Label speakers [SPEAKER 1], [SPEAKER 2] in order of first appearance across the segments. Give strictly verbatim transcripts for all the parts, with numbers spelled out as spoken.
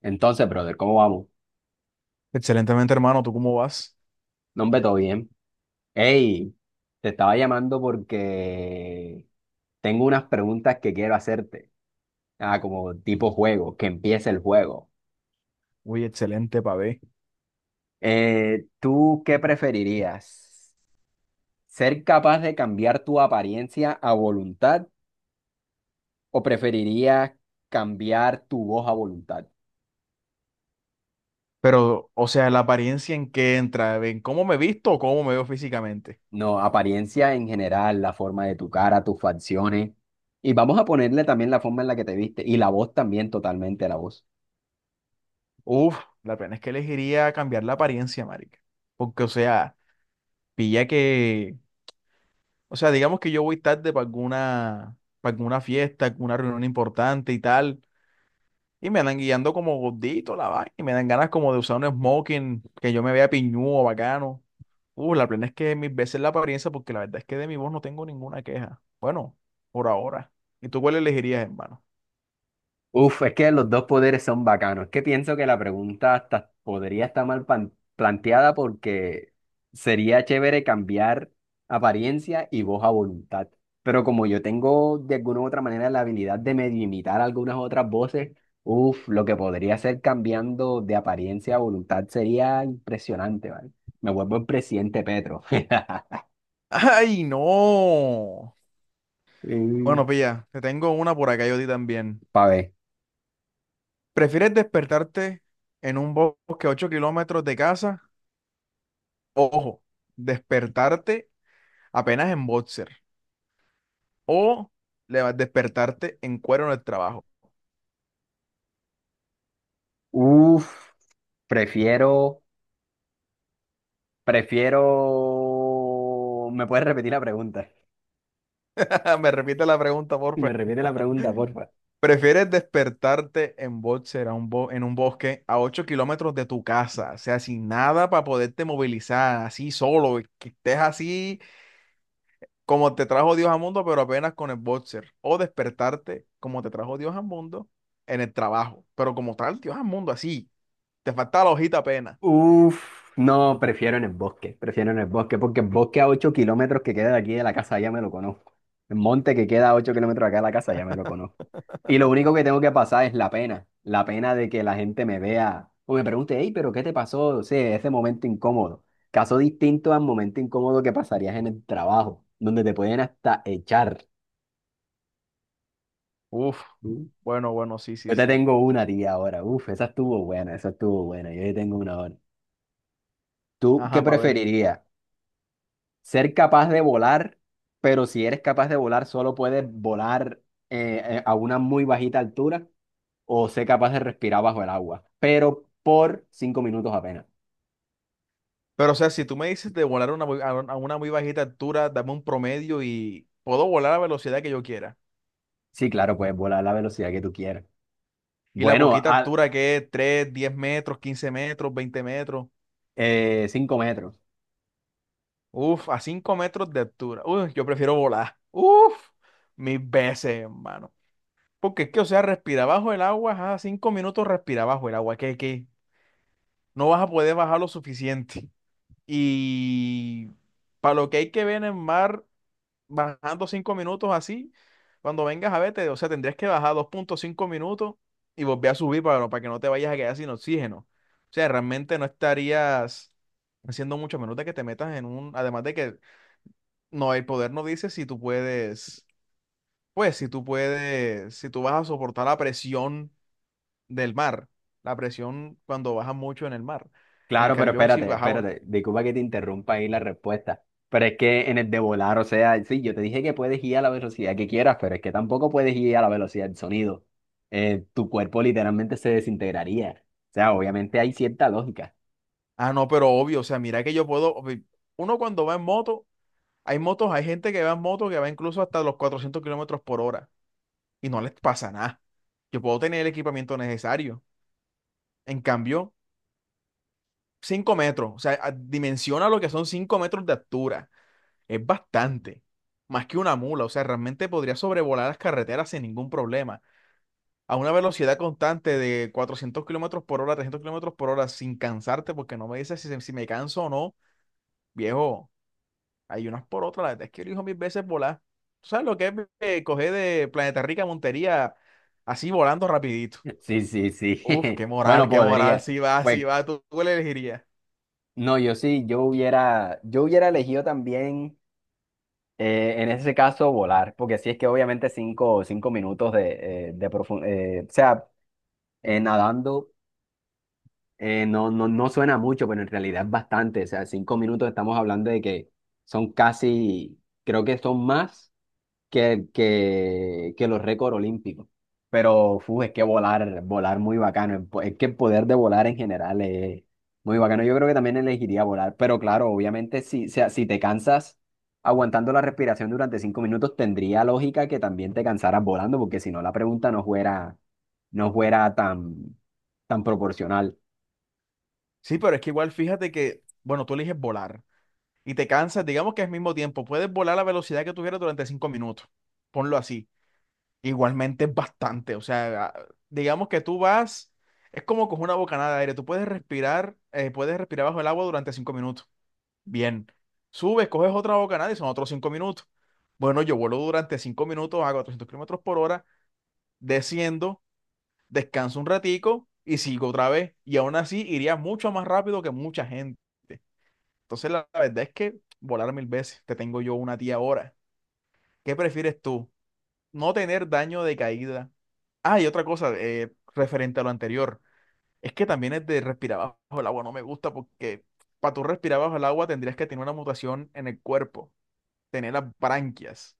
[SPEAKER 1] Entonces, brother, ¿cómo vamos?
[SPEAKER 2] Excelentemente, hermano, ¿tú cómo vas?
[SPEAKER 1] No, hombre, todo bien. Hey, te estaba llamando porque tengo unas preguntas que quiero hacerte. Ah, como tipo juego, que empiece el juego.
[SPEAKER 2] Uy, excelente, pavé.
[SPEAKER 1] Eh, ¿tú qué preferirías? ¿Ser capaz de cambiar tu apariencia a voluntad o preferirías cambiar tu voz a voluntad?
[SPEAKER 2] Pero, o sea, la apariencia en que entra, ¿en cómo me visto o cómo me veo físicamente?
[SPEAKER 1] No, apariencia en general, la forma de tu cara, tus facciones. Y vamos a ponerle también la forma en la que te viste y la voz también, totalmente la voz.
[SPEAKER 2] Uf, la pena es que elegiría cambiar la apariencia, marica. Porque, o sea, pilla que, o sea, digamos que yo voy tarde para alguna, para alguna fiesta, alguna reunión importante y tal. Y me andan guiando como gordito la vaina. Y me dan ganas como de usar un smoking que yo me vea piñudo, bacano. Uh, la plena es que mis veces la apariencia, porque la verdad es que de mi voz no tengo ninguna queja. Bueno, por ahora. ¿Y tú cuál elegirías, hermano?
[SPEAKER 1] Uf, es que los dos poderes son bacanos. Es que pienso que la pregunta hasta podría estar mal pan- planteada porque sería chévere cambiar apariencia y voz a voluntad. Pero como yo tengo de alguna u otra manera la habilidad de medio imitar algunas otras voces, uf, lo que podría hacer cambiando de apariencia a voluntad sería impresionante, ¿vale? Me vuelvo el presidente Petro.
[SPEAKER 2] ¡Ay, no! Bueno,
[SPEAKER 1] Mm,
[SPEAKER 2] pilla, te tengo una por acá yo di también.
[SPEAKER 1] Pa' ver.
[SPEAKER 2] ¿Prefieres despertarte en un bosque a ocho kilómetros de casa? Ojo, despertarte apenas en boxer. O le- despertarte en cuero en el trabajo.
[SPEAKER 1] Uf, prefiero. Prefiero... ¿Me puedes repetir la pregunta?
[SPEAKER 2] Ah, me repite la pregunta,
[SPEAKER 1] Me
[SPEAKER 2] porfa.
[SPEAKER 1] repite la pregunta, porfa.
[SPEAKER 2] ¿Prefieres despertarte en boxer a un bo- en un bosque a ocho kilómetros de tu casa? O sea, sin nada para poderte movilizar, así solo, que estés así como te trajo Dios al mundo, pero apenas con el boxer. O despertarte como te trajo Dios al mundo en el trabajo, pero como tal Dios al mundo, así. Te falta la hojita apenas.
[SPEAKER 1] Uf, no, prefiero en el bosque, prefiero en el bosque, porque el bosque a ocho kilómetros que queda de aquí de la casa ya me lo conozco. El monte que queda a ocho kilómetros de acá de la casa ya me lo conozco. Y lo único que tengo que pasar es la pena, la pena de que la gente me vea o me pregunte, hey, pero ¿qué te pasó? O sea, ese momento incómodo. Caso distinto al momento incómodo que pasarías en el trabajo, donde te pueden hasta echar.
[SPEAKER 2] Uf, bueno, bueno, sí, sí,
[SPEAKER 1] Yo te
[SPEAKER 2] sí.
[SPEAKER 1] tengo una a ti ahora. Uf, esa estuvo buena, esa estuvo buena. Yo te tengo una ahora. ¿Tú qué
[SPEAKER 2] Ajá, pa ver.
[SPEAKER 1] preferirías? ¿Ser capaz de volar, pero si eres capaz de volar, solo puedes volar eh, eh, a una muy bajita altura? ¿O ser capaz de respirar bajo el agua, pero por cinco minutos apenas?
[SPEAKER 2] Pero, o sea, si tú me dices de volar a una, muy- a un- a una muy bajita altura, dame un promedio y puedo volar a la velocidad que yo quiera.
[SPEAKER 1] Sí, claro, puedes volar a la velocidad que tú quieras.
[SPEAKER 2] Y la
[SPEAKER 1] Bueno,
[SPEAKER 2] poquita
[SPEAKER 1] a
[SPEAKER 2] altura que es tres, diez metros, quince metros, veinte metros.
[SPEAKER 1] eh, cinco metros.
[SPEAKER 2] Uf, a cinco metros de altura. Uf, yo prefiero volar. Uf, mil veces, hermano. Porque es que, o sea, respira bajo el agua, ajá, cinco minutos respira bajo el agua. ¿Qué, qué? No vas a poder bajar lo suficiente. Y para lo que hay que ver en el mar. Bajando cinco minutos así, cuando vengas a verte, o sea, tendrías que bajar dos punto cinco minutos y volver a subir para, no, para que no te vayas a quedar sin oxígeno. O sea, realmente no estarías haciendo mucho a menos de que te metas en un, además de que no, el poder no dice si tú puedes, pues si tú puedes, si tú vas a soportar la presión del mar, la presión cuando bajas mucho en el mar. En
[SPEAKER 1] Claro, pero
[SPEAKER 2] cambio, si
[SPEAKER 1] espérate,
[SPEAKER 2] bajaba,
[SPEAKER 1] espérate, disculpa que te interrumpa ahí la respuesta, pero es que en el de volar, o sea, sí, yo te dije que puedes ir a la velocidad que quieras, pero es que tampoco puedes ir a la velocidad del sonido. Eh, tu cuerpo literalmente se desintegraría. O sea, obviamente hay cierta lógica.
[SPEAKER 2] ah, no, pero obvio, o sea, mira que yo puedo, uno cuando va en moto. Hay motos, hay gente que va en moto que va incluso hasta los cuatrocientos kilómetros por hora y no les pasa nada. Yo puedo tener el equipamiento necesario. En cambio, cinco metros, o sea, a- dimensiona lo que son cinco metros de altura. Es bastante, más que una mula. O sea, realmente podría sobrevolar las carreteras sin ningún problema. A una velocidad constante de cuatrocientos kilómetros por hora, trescientos kilómetros por hora, sin cansarte, porque no me dices si, se- si me canso o no, viejo. Hay unas por otras, la verdad es que elijo mil veces volar. ¿Tú sabes lo que es eh, coger de Planeta Rica a Montería así volando rapidito?
[SPEAKER 1] Sí, sí, sí.
[SPEAKER 2] Uf, qué
[SPEAKER 1] Bueno,
[SPEAKER 2] moral, qué moral,
[SPEAKER 1] podría.
[SPEAKER 2] si va, si
[SPEAKER 1] Pues
[SPEAKER 2] va, tú, tú le elegirías.
[SPEAKER 1] no, yo sí, yo hubiera, yo hubiera elegido también, eh, en ese caso, volar, porque sí es que obviamente cinco, cinco minutos de, eh, de profundidad, o sea, eh, nadando. Eh, no, no, no suena mucho, pero en realidad es bastante. O sea, cinco minutos estamos hablando de que son casi, creo que son más que, que, que los récords olímpicos. Pero fu, es que volar, volar muy bacano. el po- Es que el poder de volar en general es muy bacano. Yo creo que también elegiría volar. Pero claro, obviamente, si, o sea, si te cansas aguantando la respiración durante cinco minutos, tendría lógica que también te cansaras volando, porque si no, la pregunta no fuera, no fuera tan, tan proporcional.
[SPEAKER 2] Sí, pero es que igual fíjate que, bueno, tú eliges volar y te cansas, digamos que es mismo tiempo, puedes volar a la velocidad que tú quieras durante cinco minutos, ponlo así. Igualmente es bastante, o sea, a- digamos que tú vas, es como coger una bocanada de aire, tú puedes respirar, eh, puedes respirar bajo el agua durante cinco minutos. Bien, subes, coges otra bocanada y son otros cinco minutos. Bueno, yo vuelo durante cinco minutos a cuatrocientos kilómetros por hora, desciendo, descanso un ratico y sigo otra vez. Y aún así iría mucho más rápido que mucha gente. Entonces la, la verdad es que volar mil veces, te tengo yo una tía ahora. ¿Qué prefieres tú? No tener daño de caída. Ah, y otra cosa, eh, referente a lo anterior, es que también es de respirar bajo el agua, no me gusta porque para tú respirar bajo el agua tendrías que tener una mutación en el cuerpo. Tener las branquias.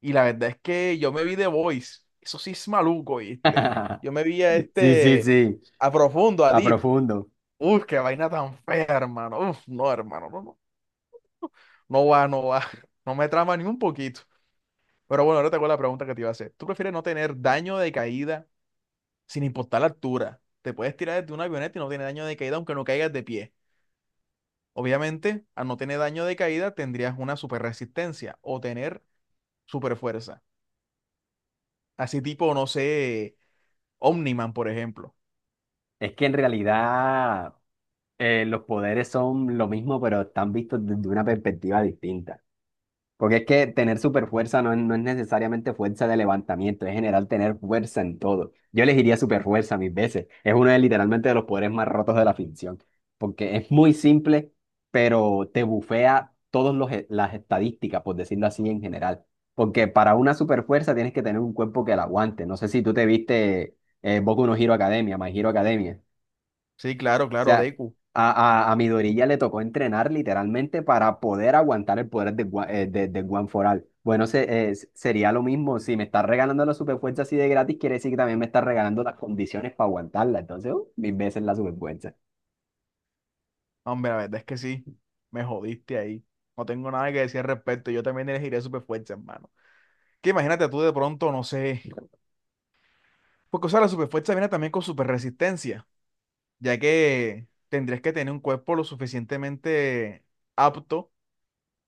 [SPEAKER 2] Y la verdad es que yo me vi The Voice. Eso sí es maluco, ¿viste? Yo me vi a
[SPEAKER 1] Sí, sí,
[SPEAKER 2] este,
[SPEAKER 1] sí,
[SPEAKER 2] a profundo, a
[SPEAKER 1] a
[SPEAKER 2] Deep.
[SPEAKER 1] profundo.
[SPEAKER 2] Uf, qué vaina tan fea, hermano. Uf, no, hermano, no, no. No va, no va. No me trama ni un poquito. Pero bueno, ahora te hago la pregunta que te iba a hacer. ¿Tú prefieres no tener daño de caída sin importar la altura? Te puedes tirar desde una avioneta y no tienes daño de caída aunque no caigas de pie. Obviamente, al no tener daño de caída, tendrías una super resistencia o tener super fuerza. Así tipo, no sé, Omniman, por ejemplo.
[SPEAKER 1] Es que en realidad eh, los poderes son lo mismo, pero están vistos desde una perspectiva distinta. Porque es que tener super fuerza no es, no es necesariamente fuerza de levantamiento, es general tener fuerza en todo. Yo elegiría super fuerza mil veces. Es uno de literalmente de los poderes más rotos de la ficción. Porque es muy simple, pero te bufea todas los e- las estadísticas, por decirlo así en general. Porque para una super fuerza tienes que tener un cuerpo que la aguante. No sé si tú te viste eh, Boku no Hero Academia, My Hero Academia.
[SPEAKER 2] Sí, claro,
[SPEAKER 1] O
[SPEAKER 2] claro,
[SPEAKER 1] sea,
[SPEAKER 2] Deku.
[SPEAKER 1] a, a, a Midoriya ya le tocó entrenar literalmente para poder aguantar el poder de, Gua- eh, de, de One For All. Bueno, se- eh, s- sería lo mismo. Si me estás regalando la superfuerza así de gratis, quiere decir que también me estás regalando las condiciones para aguantarla. Entonces, uh, mil veces la superfuerza.
[SPEAKER 2] No, hombre, la verdad es que sí, me jodiste ahí. No tengo nada que decir al respecto. Yo también elegiré superfuerza, hermano. Que imagínate tú de pronto, no sé. Porque, o sea, la superfuerza viene también con superresistencia, ya que tendrías que tener un cuerpo lo suficientemente apto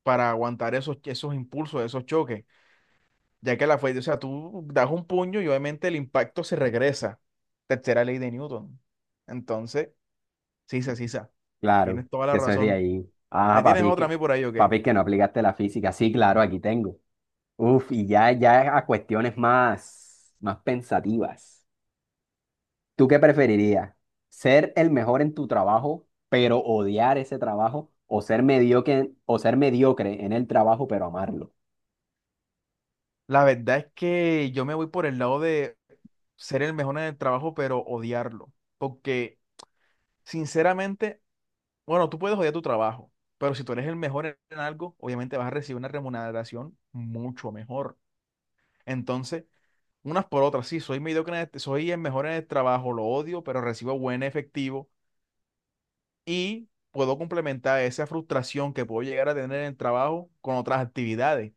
[SPEAKER 2] para aguantar esos, esos impulsos, esos choques. Ya que la fuerza, o sea, tú das un puño y obviamente el impacto se regresa. Tercera ley de Newton. Entonces, sí, sí, sí, sí.
[SPEAKER 1] Claro,
[SPEAKER 2] Tienes toda
[SPEAKER 1] que
[SPEAKER 2] la
[SPEAKER 1] eso es de
[SPEAKER 2] razón.
[SPEAKER 1] ahí. Ah,
[SPEAKER 2] ¿Me tienes
[SPEAKER 1] papi, es
[SPEAKER 2] otra a
[SPEAKER 1] que,
[SPEAKER 2] mí por ahí o qué?
[SPEAKER 1] papi, es que no aplicaste la física. Sí, claro, aquí tengo. Uf, y ya, ya a cuestiones más, más pensativas. ¿Tú qué preferirías? ¿Ser el mejor en tu trabajo, pero odiar ese trabajo? ¿O ser mediocre, o ser mediocre en el trabajo, pero amarlo?
[SPEAKER 2] La verdad es que yo me voy por el lado de ser el mejor en el trabajo, pero odiarlo. Porque, sinceramente, bueno, tú puedes odiar tu trabajo, pero si tú eres el mejor en en algo, obviamente vas a recibir una remuneración mucho mejor. Entonces, unas por otras, sí, soy mediocre en este- soy el mejor en el trabajo, lo odio, pero recibo buen efectivo y puedo complementar esa frustración que puedo llegar a tener en el trabajo con otras actividades.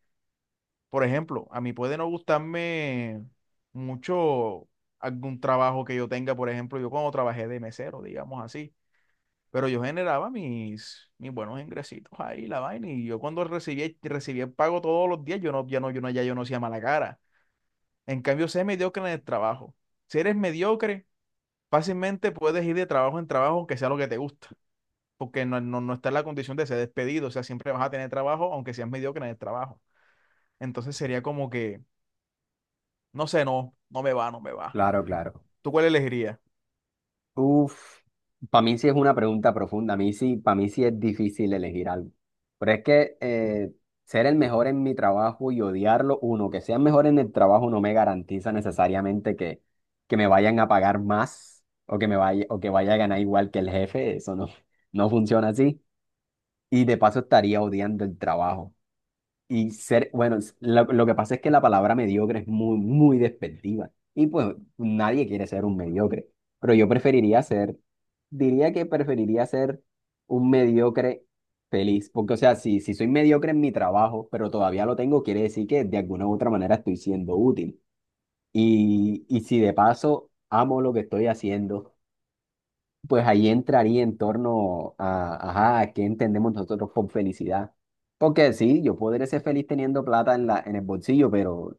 [SPEAKER 2] Por ejemplo, a mí puede no gustarme mucho algún trabajo que yo tenga, por ejemplo, yo cuando trabajé de mesero, digamos así, pero yo generaba mis, mis buenos ingresitos ahí, la vaina, y yo cuando recibía, recibía el pago todos los días, yo no, ya no, yo no, ya yo no hacía mala cara. En cambio, sé mediocre en el trabajo. Si eres mediocre, fácilmente puedes ir de trabajo en trabajo, aunque sea lo que te gusta, porque no, no, no está en la condición de ser despedido, o sea, siempre vas a tener trabajo, aunque seas mediocre en el trabajo. Entonces sería como que no sé, no, no me va, no me va.
[SPEAKER 1] Claro, claro.
[SPEAKER 2] ¿Tú cuál elegirías?
[SPEAKER 1] Uf, para mí sí es una pregunta profunda. A mí sí, para mí sí es difícil elegir algo. Pero es que eh, ser el mejor en mi trabajo y odiarlo, uno, que sea mejor en el trabajo no me garantiza necesariamente que, que me vayan a pagar más o que me vaya, o que vaya a ganar igual que el jefe. Eso no, no funciona así. Y de paso estaría odiando el trabajo. Y ser, bueno, s- lo, lo que pasa es que la palabra mediocre es muy, muy despectiva. Y pues nadie quiere ser un mediocre. Pero yo preferiría ser, diría que preferiría ser un mediocre feliz. Porque, o sea, si, si soy mediocre en mi trabajo, pero todavía lo tengo, quiere decir que de alguna u otra manera estoy siendo útil. Y, y si de paso amo lo que estoy haciendo. Pues ahí entraría en torno a, ajá, a qué entendemos nosotros por felicidad. Porque sí, yo podré ser feliz teniendo plata en la, en el bolsillo, pero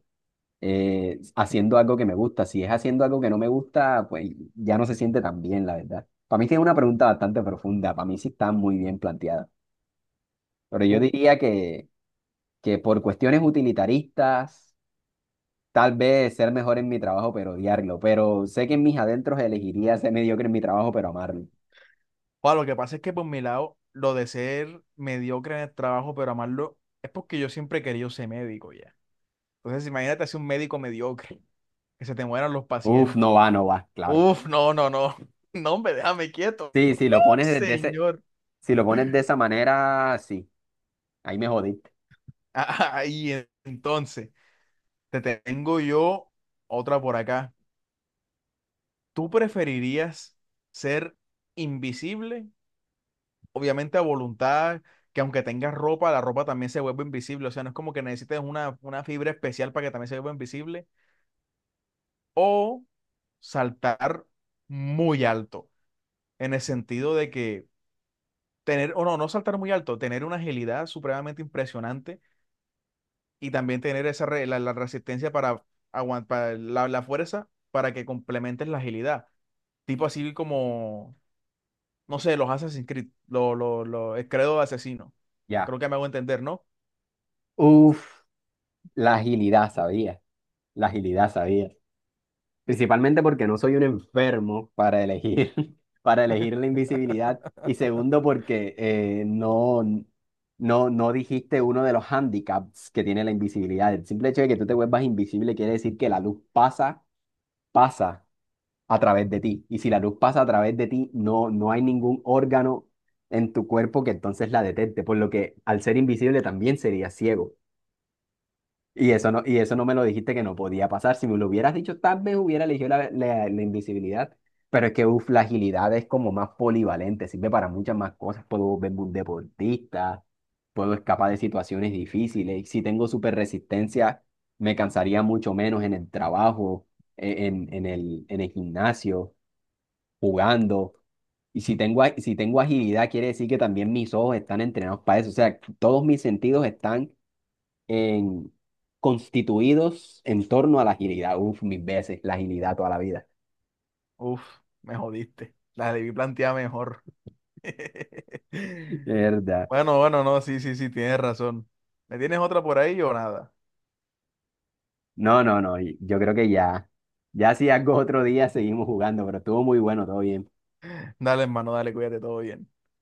[SPEAKER 1] eh, haciendo algo que me gusta. Si es haciendo algo que no me gusta, pues ya no se siente tan bien, la verdad. Para mí sí es una pregunta bastante profunda, para mí sí está muy bien planteada. Pero yo
[SPEAKER 2] Uf.
[SPEAKER 1] diría que, que por cuestiones utilitaristas, tal vez ser mejor en mi trabajo, pero odiarlo. Pero sé que en mis adentros elegiría ser mediocre en mi trabajo, pero amarlo.
[SPEAKER 2] Joder, lo que pasa es que por mi lado, lo de ser mediocre en el trabajo, pero amarlo, es porque yo siempre he querido ser médico ya. Entonces, imagínate ser un médico mediocre, que se te mueran los
[SPEAKER 1] Uf, no
[SPEAKER 2] pacientes.
[SPEAKER 1] va, no va, claro.
[SPEAKER 2] Uf, no, no, no. No, hombre, déjame quieto.
[SPEAKER 1] Sí, si lo pones desde ese,
[SPEAKER 2] Señor.
[SPEAKER 1] si lo pones de esa manera, sí, ahí me jodiste.
[SPEAKER 2] Ahí, en- entonces, te tengo yo otra por acá. ¿Tú preferirías ser invisible obviamente a voluntad, que aunque tengas ropa, la ropa también se vuelve invisible? O sea, no es como que necesites una, una fibra especial para que también se vuelva invisible. O saltar muy alto, en el sentido de que tener, o no, no saltar muy alto, tener una agilidad supremamente impresionante y también tener esa re- la, la resistencia para aguantar la, la fuerza para que complementes la agilidad. Tipo así como, no sé, los Assassin's Creed, lo, lo, lo, el credo de asesino.
[SPEAKER 1] Ya.
[SPEAKER 2] Creo que me hago entender, ¿no?
[SPEAKER 1] Uf, la agilidad, sabía. La agilidad, sabía. Principalmente porque no soy un enfermo para elegir, para elegir la invisibilidad. Y segundo, porque eh, no, no, no, dijiste uno de los handicaps que tiene la invisibilidad. El simple hecho de que tú te vuelvas invisible quiere decir que la luz pasa, pasa a través de ti. Y si la luz pasa a través de ti, no, no hay ningún órgano en tu cuerpo que entonces la detecte, por lo que al ser invisible también sería ciego. Y eso no, y eso no me lo dijiste que no podía pasar. Si me lo hubieras dicho, tal vez hubiera elegido la, la, la invisibilidad. Pero es que uf, la agilidad es como más polivalente, sirve para muchas más cosas. Puedo volverme un deportista, puedo escapar de situaciones difíciles. Y si tengo super resistencia, me cansaría mucho menos en el trabajo, e- en, en el, en el gimnasio jugando. Y si tengo, a- si tengo agilidad, quiere decir que también mis ojos están entrenados para eso. O sea, todos mis sentidos están en, constituidos en torno a la agilidad. Uf, mis veces, la agilidad toda la vida.
[SPEAKER 2] Uf, me jodiste. La debí plantear mejor.
[SPEAKER 1] Verdad.
[SPEAKER 2] Bueno, bueno, no, sí, sí, sí, tienes razón. ¿Me tienes otra por ahí o nada?
[SPEAKER 1] No, no, no. Y yo creo que ya, ya si algo otro día seguimos jugando, pero estuvo muy bueno, todo bien.
[SPEAKER 2] Dale, hermano, dale, cuídate, todo bien.